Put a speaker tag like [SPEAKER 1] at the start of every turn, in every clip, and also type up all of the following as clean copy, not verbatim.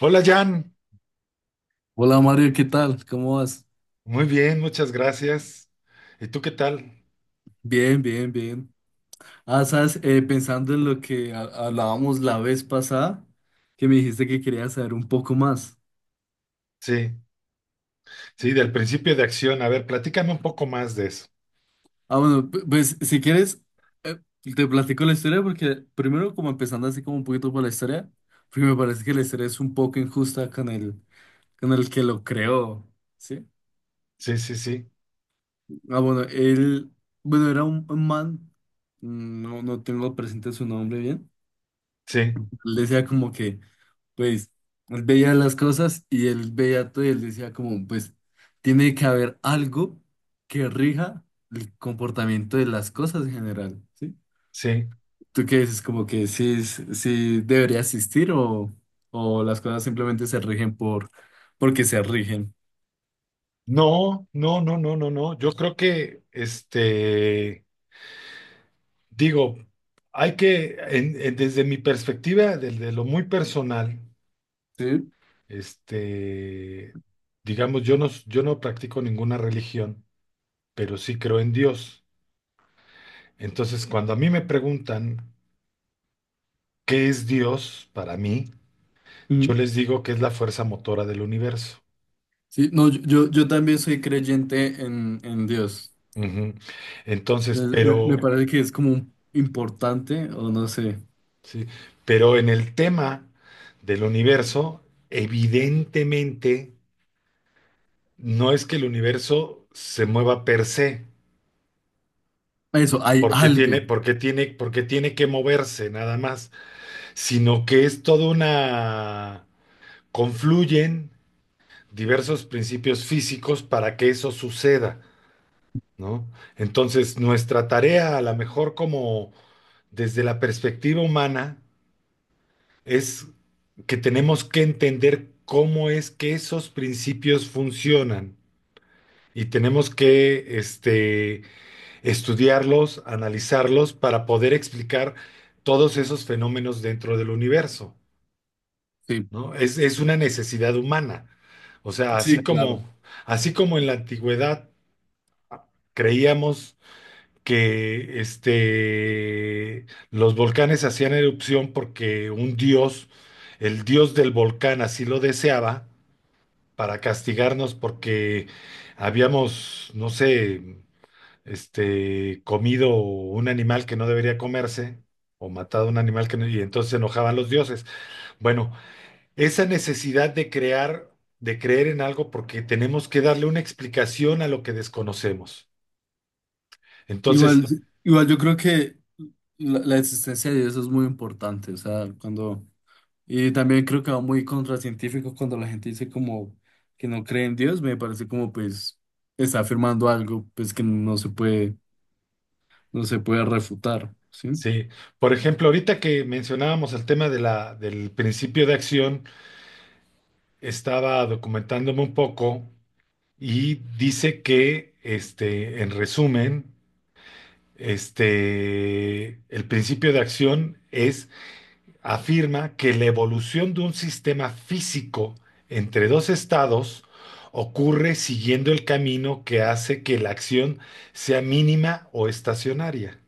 [SPEAKER 1] Hola Jan,
[SPEAKER 2] Hola Mario, ¿qué tal? ¿Cómo vas?
[SPEAKER 1] muy bien, muchas gracias. ¿Y tú qué tal?
[SPEAKER 2] Bien, bien, bien. Ah, sabes, pensando en lo que hablábamos la vez pasada, que me dijiste que querías saber un poco más.
[SPEAKER 1] Sí, sí, del principio de acción. A ver, platícame un poco más de eso.
[SPEAKER 2] Ah, bueno, pues si quieres, eh, te platico la historia porque primero como empezando así como un poquito por la historia, porque me parece que la historia es un poco injusta con el que lo creó, ¿sí?
[SPEAKER 1] Sí, sí, sí,
[SPEAKER 2] Ah, bueno, él, bueno, era un man, no, no tengo presente su nombre bien.
[SPEAKER 1] sí,
[SPEAKER 2] Él decía como que... pues él veía las cosas y él veía todo y él decía como, pues tiene que haber algo que rija el comportamiento de las cosas en general, ¿sí?
[SPEAKER 1] sí.
[SPEAKER 2] ¿Tú qué dices? Como que sí, sí debería existir o las cosas simplemente se rigen por, porque se rigen.
[SPEAKER 1] No, no, no, no, no, no. Yo creo que, digo, hay que, desde mi perspectiva, desde lo muy personal,
[SPEAKER 2] Sí.
[SPEAKER 1] este, digamos, yo no practico ninguna religión, pero sí creo en Dios. Entonces, cuando a mí me preguntan, ¿qué es Dios para mí? Yo les digo que es la fuerza motora del universo.
[SPEAKER 2] Sí, no, yo, yo también soy creyente en Dios.
[SPEAKER 1] Ujú. Entonces,
[SPEAKER 2] Me
[SPEAKER 1] pero,
[SPEAKER 2] parece que es como importante, o no sé.
[SPEAKER 1] sí, pero en el tema del universo, evidentemente, no es que el universo se mueva per se,
[SPEAKER 2] Eso, hay
[SPEAKER 1] porque tiene,
[SPEAKER 2] algo.
[SPEAKER 1] porque tiene, porque tiene que moverse nada más, sino que es toda una, confluyen diversos principios físicos para que eso suceda. ¿No? Entonces, nuestra tarea, a lo mejor como desde la perspectiva humana, es que tenemos que entender cómo es que esos principios funcionan y tenemos que estudiarlos, analizarlos para poder explicar todos esos fenómenos dentro del universo,
[SPEAKER 2] Sí,
[SPEAKER 1] ¿no? Es una necesidad humana. O sea,
[SPEAKER 2] sí, claro.
[SPEAKER 1] así como en la antigüedad creíamos que los volcanes hacían erupción porque un dios, el dios del volcán, así lo deseaba para castigarnos porque habíamos, no sé, comido un animal que no debería comerse, o matado un animal que no, y entonces se enojaban los dioses. Bueno, esa necesidad de crear, de creer en algo porque tenemos que darle una explicación a lo que desconocemos. Entonces,
[SPEAKER 2] Igual, igual yo creo que la existencia de Dios es muy importante. O sea, cuando. Y también creo que va muy contracientífico cuando la gente dice como que no cree en Dios, me parece como pues está afirmando algo pues que no se puede, no se puede refutar, ¿sí?
[SPEAKER 1] sí, por ejemplo, ahorita que mencionábamos el tema de la, del principio de acción, estaba documentándome un poco y dice que, en resumen, el principio de acción es, afirma que la evolución de un sistema físico entre dos estados ocurre siguiendo el camino que hace que la acción sea mínima o estacionaria.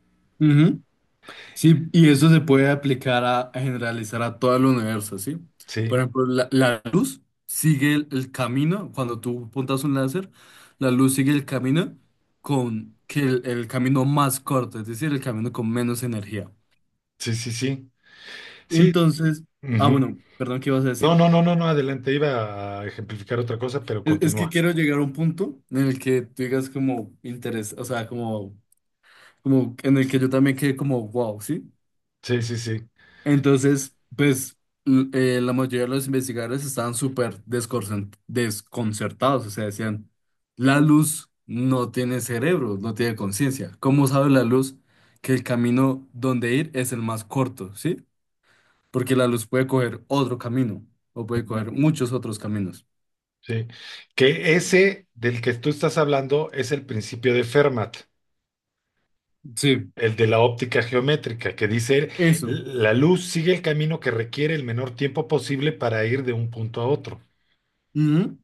[SPEAKER 2] Sí, y eso se puede aplicar a generalizar a todo el universo, ¿sí? Por
[SPEAKER 1] Sí,
[SPEAKER 2] ejemplo, la luz sigue el camino, cuando tú apuntas un láser, la luz sigue el camino con que el camino más corto, es decir, el camino con menos energía.
[SPEAKER 1] sí, sí, sí. Sí.
[SPEAKER 2] Entonces, ah,
[SPEAKER 1] Ujú.
[SPEAKER 2] bueno, perdón, ¿qué ibas a
[SPEAKER 1] No,
[SPEAKER 2] decir?
[SPEAKER 1] no, no, no, no, adelante, iba a ejemplificar otra cosa, pero
[SPEAKER 2] Es que
[SPEAKER 1] continúa.
[SPEAKER 2] quiero llegar a un punto en el que tú digas como interés, o sea, como, como en el que yo también quede como wow, ¿sí?
[SPEAKER 1] Sí, sí, sí.
[SPEAKER 2] Entonces, pues la mayoría de los investigadores estaban súper desconcertados, o sea, decían, la luz no tiene cerebro, no tiene conciencia. ¿Cómo sabe la luz que el camino donde ir es el más corto, sí? Porque la luz puede coger otro camino o puede
[SPEAKER 1] Ujú.
[SPEAKER 2] coger muchos otros caminos.
[SPEAKER 1] Sí. Que ese del que tú estás hablando es el principio de Fermat,
[SPEAKER 2] Sí,
[SPEAKER 1] el de la óptica geométrica, que dice,
[SPEAKER 2] eso.
[SPEAKER 1] la luz sigue el camino que requiere el menor tiempo posible para ir de un punto a otro.
[SPEAKER 2] Ujú.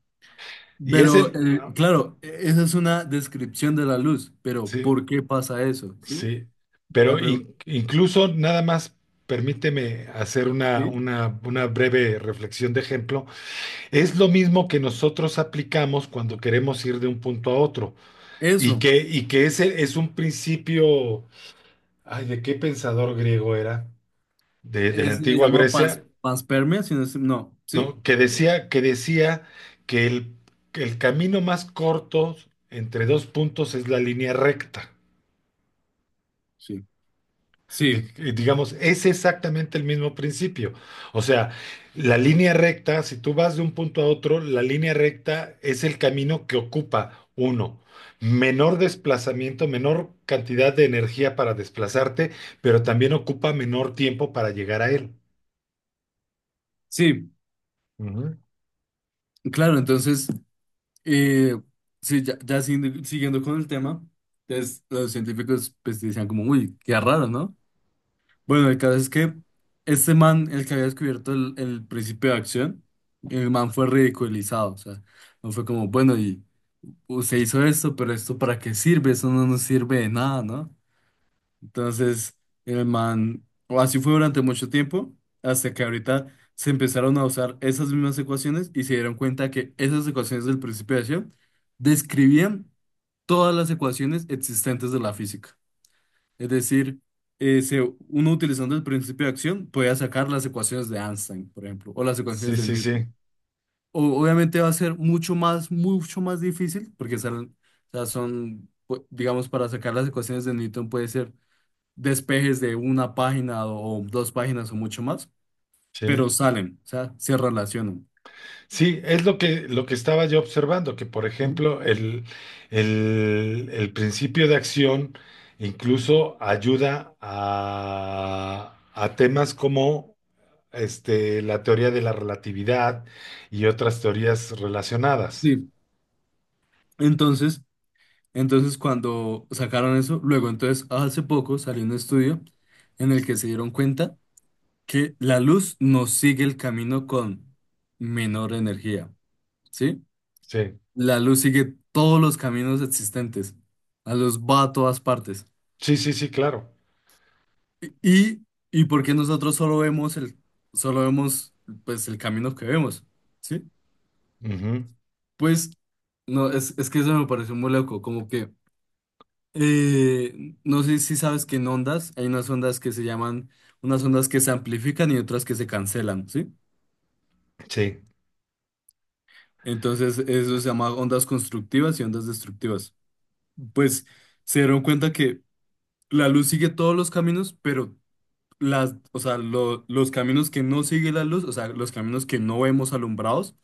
[SPEAKER 1] Y es
[SPEAKER 2] Pero
[SPEAKER 1] el,
[SPEAKER 2] claro, esa es una descripción de la luz, pero
[SPEAKER 1] sí,
[SPEAKER 2] ¿por qué pasa eso? ¿Sí?
[SPEAKER 1] sí,
[SPEAKER 2] La
[SPEAKER 1] pero
[SPEAKER 2] pregunta.
[SPEAKER 1] incluso nada más, permíteme hacer
[SPEAKER 2] ¿Sí?
[SPEAKER 1] una breve reflexión de ejemplo. Es lo mismo que nosotros aplicamos cuando queremos ir de un punto a otro
[SPEAKER 2] Eso.
[SPEAKER 1] y que ese es un principio, ay, ¿de qué pensador griego era? De la
[SPEAKER 2] Es se
[SPEAKER 1] antigua
[SPEAKER 2] llama pas,
[SPEAKER 1] Grecia,
[SPEAKER 2] paspermia, si no, no, ¿sí?
[SPEAKER 1] ¿no? Que decía, que decía que el, que el camino más corto entre dos puntos es la línea recta.
[SPEAKER 2] Sí, sí,
[SPEAKER 1] Digamos, es exactamente el mismo principio. O sea, la línea recta, si tú vas de un punto a otro, la línea recta es el camino que ocupa uno. Menor desplazamiento, menor cantidad de energía para desplazarte, pero también ocupa menor tiempo para llegar a él.
[SPEAKER 2] sí,
[SPEAKER 1] Ujú.
[SPEAKER 2] claro, entonces, eh, sí, ya, ya siguiendo, siguiendo con el tema, entonces los científicos pues decían como, uy, qué raro, ¿no? Bueno, el caso es que este man, el que había descubierto el principio de acción, el man fue ridiculizado, o sea, no fue como, bueno, y usted hizo esto, pero esto para qué sirve, eso no nos sirve de nada, ¿no? Entonces, el man, o así fue durante mucho tiempo, hasta que ahorita se empezaron a usar esas mismas ecuaciones y se dieron cuenta que esas ecuaciones del principio de acción describían todas las ecuaciones existentes de la física. Es decir, eh, se- uno utilizando el principio de acción podía sacar las ecuaciones de Einstein, por ejemplo, o las
[SPEAKER 1] Sí,
[SPEAKER 2] ecuaciones de
[SPEAKER 1] sí,
[SPEAKER 2] Newton.
[SPEAKER 1] sí,
[SPEAKER 2] Obviamente va a ser mucho más difícil, porque o sea, son, digamos, para sacar las ecuaciones de Newton puede ser despejes de una página o dos páginas o mucho más,
[SPEAKER 1] sí.
[SPEAKER 2] pero salen, o sea, se relacionan.
[SPEAKER 1] Sí, es lo que estaba yo observando, que por
[SPEAKER 2] Ujú.
[SPEAKER 1] ejemplo el, el principio de acción incluso ayuda a temas como la teoría de la relatividad y otras teorías relacionadas.
[SPEAKER 2] Sí. Entonces, entonces cuando sacaron eso, luego entonces hace poco salió un estudio en el que se dieron cuenta que la luz no sigue el camino con menor energía, ¿sí?
[SPEAKER 1] Sí,
[SPEAKER 2] La luz sigue todos los caminos existentes. La luz va a todas partes.
[SPEAKER 1] sí, sí, sí, claro.
[SPEAKER 2] Y, y porque nosotros solo vemos el, solo vemos pues el camino que vemos. ¿Sí?
[SPEAKER 1] Ujú.
[SPEAKER 2] Pues, no, es que eso me pareció muy loco, como que, no sé si sabes que en ondas hay unas ondas que se llaman, unas ondas que se amplifican y otras que se cancelan, ¿sí?
[SPEAKER 1] Sí,
[SPEAKER 2] Entonces, eso se llama ondas constructivas y ondas destructivas. Pues, se dieron cuenta que la luz sigue todos los caminos, pero las, o sea, los caminos que no sigue la luz, o sea, los caminos que no vemos alumbrados,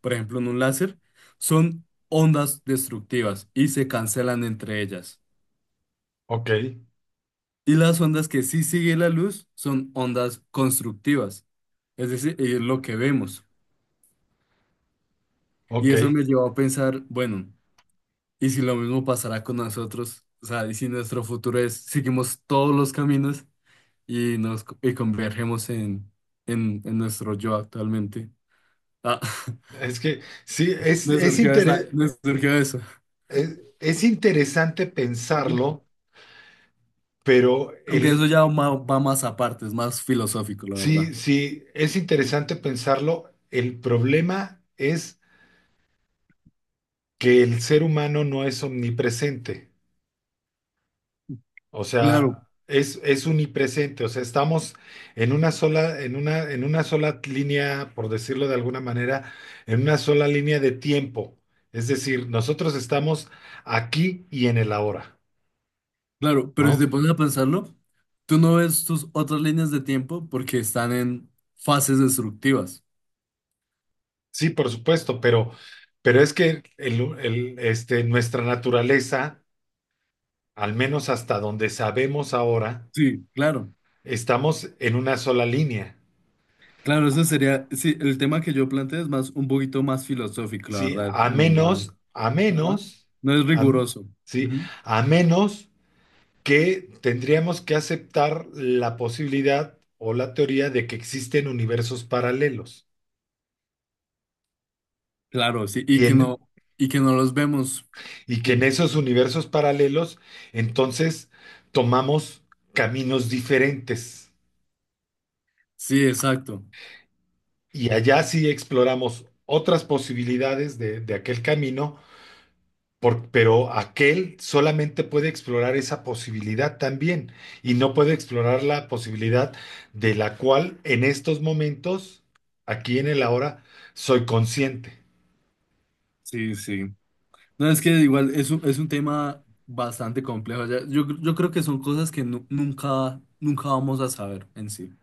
[SPEAKER 2] por ejemplo, en un láser, son ondas destructivas y se cancelan entre ellas.
[SPEAKER 1] ok,
[SPEAKER 2] Y las ondas que sí sigue la luz son ondas constructivas, es decir, es lo que vemos. Y
[SPEAKER 1] ok.
[SPEAKER 2] eso me llevó a pensar, bueno, ¿y si lo mismo pasará con nosotros? O sea, ¿y si nuestro futuro es, seguimos todos los caminos y y convergemos en nuestro yo actualmente? Ah,
[SPEAKER 1] Es que sí,
[SPEAKER 2] me surgió esa, me surgió eso.
[SPEAKER 1] es interesante
[SPEAKER 2] Ujú.
[SPEAKER 1] pensarlo, pero
[SPEAKER 2] Aunque
[SPEAKER 1] el,
[SPEAKER 2] eso ya va, va más aparte, es más filosófico, la
[SPEAKER 1] sí,
[SPEAKER 2] verdad.
[SPEAKER 1] sí, es interesante pensarlo. El problema es que el ser humano no es omnipresente, o
[SPEAKER 2] Claro,
[SPEAKER 1] sea, es unipresente, o sea, estamos en una sola línea, por decirlo de alguna manera, en una sola línea de tiempo. Es decir, nosotros estamos aquí y en el ahora,
[SPEAKER 2] Claro, pero si
[SPEAKER 1] ¿no?
[SPEAKER 2] te pones a pensarlo, tú no ves tus otras líneas de tiempo porque están en fases destructivas.
[SPEAKER 1] Sí, por supuesto, pero es que nuestra naturaleza, al menos hasta donde sabemos ahora,
[SPEAKER 2] Sí, claro.
[SPEAKER 1] estamos en una sola línea,
[SPEAKER 2] Claro, eso sería, sí, el tema que yo planteo es más un poquito más filosófico, la
[SPEAKER 1] ¿sí?
[SPEAKER 2] verdad, es como más,
[SPEAKER 1] A
[SPEAKER 2] ajá,
[SPEAKER 1] menos,
[SPEAKER 2] no es
[SPEAKER 1] a-
[SPEAKER 2] riguroso.
[SPEAKER 1] ¿sí?
[SPEAKER 2] Ujú.
[SPEAKER 1] A menos que tendríamos que aceptar la posibilidad o la teoría de que existen universos paralelos
[SPEAKER 2] Claro, sí,
[SPEAKER 1] y, en,
[SPEAKER 2] y que no los vemos.
[SPEAKER 1] y que en
[SPEAKER 2] Sí,
[SPEAKER 1] esos universos paralelos entonces tomamos caminos diferentes
[SPEAKER 2] sí, exacto.
[SPEAKER 1] y allá sí exploramos otras posibilidades de aquel camino. Pero aquel solamente puede explorar esa posibilidad también y no puede explorar la posibilidad de la cual en estos momentos, aquí en el ahora, soy consciente.
[SPEAKER 2] Sí, sí. No, es que igual es un tema bastante complejo. Yo, yo creo que son cosas que nunca, nunca vamos a saber en sí.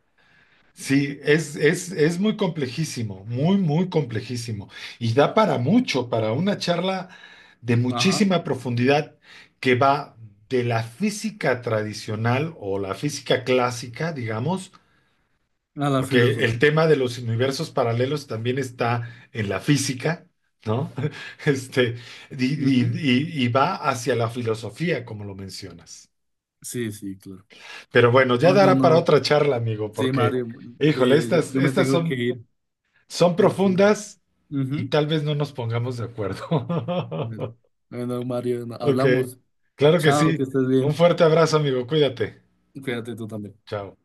[SPEAKER 1] Sí, es muy complejísimo, muy, muy complejísimo. Y da para mucho, para una charla de
[SPEAKER 2] Ajá.
[SPEAKER 1] muchísima profundidad que va de la física tradicional o la física clásica, digamos.
[SPEAKER 2] A la
[SPEAKER 1] Porque el
[SPEAKER 2] filosofía.
[SPEAKER 1] tema de los universos paralelos también está en la física, ¿no? Este, y, y-
[SPEAKER 2] Ujú.
[SPEAKER 1] y va hacia la filosofía, como lo mencionas.
[SPEAKER 2] Sí, sí, claro.
[SPEAKER 1] Pero bueno, ya
[SPEAKER 2] Oh, no,
[SPEAKER 1] dará para
[SPEAKER 2] no.
[SPEAKER 1] otra charla, amigo,
[SPEAKER 2] Sí,
[SPEAKER 1] porque,
[SPEAKER 2] Mario.
[SPEAKER 1] híjole, estas,
[SPEAKER 2] Yo me
[SPEAKER 1] estas
[SPEAKER 2] tengo que
[SPEAKER 1] son,
[SPEAKER 2] ir.
[SPEAKER 1] son
[SPEAKER 2] Entonces,
[SPEAKER 1] profundas y
[SPEAKER 2] ujú.
[SPEAKER 1] tal vez no nos pongamos de acuerdo.
[SPEAKER 2] Bueno, Mario,
[SPEAKER 1] Ok,
[SPEAKER 2] hablamos.
[SPEAKER 1] claro que
[SPEAKER 2] Chao,
[SPEAKER 1] sí.
[SPEAKER 2] que estés
[SPEAKER 1] Un
[SPEAKER 2] bien.
[SPEAKER 1] fuerte abrazo, amigo. Cuídate.
[SPEAKER 2] Cuídate tú también.
[SPEAKER 1] Chao.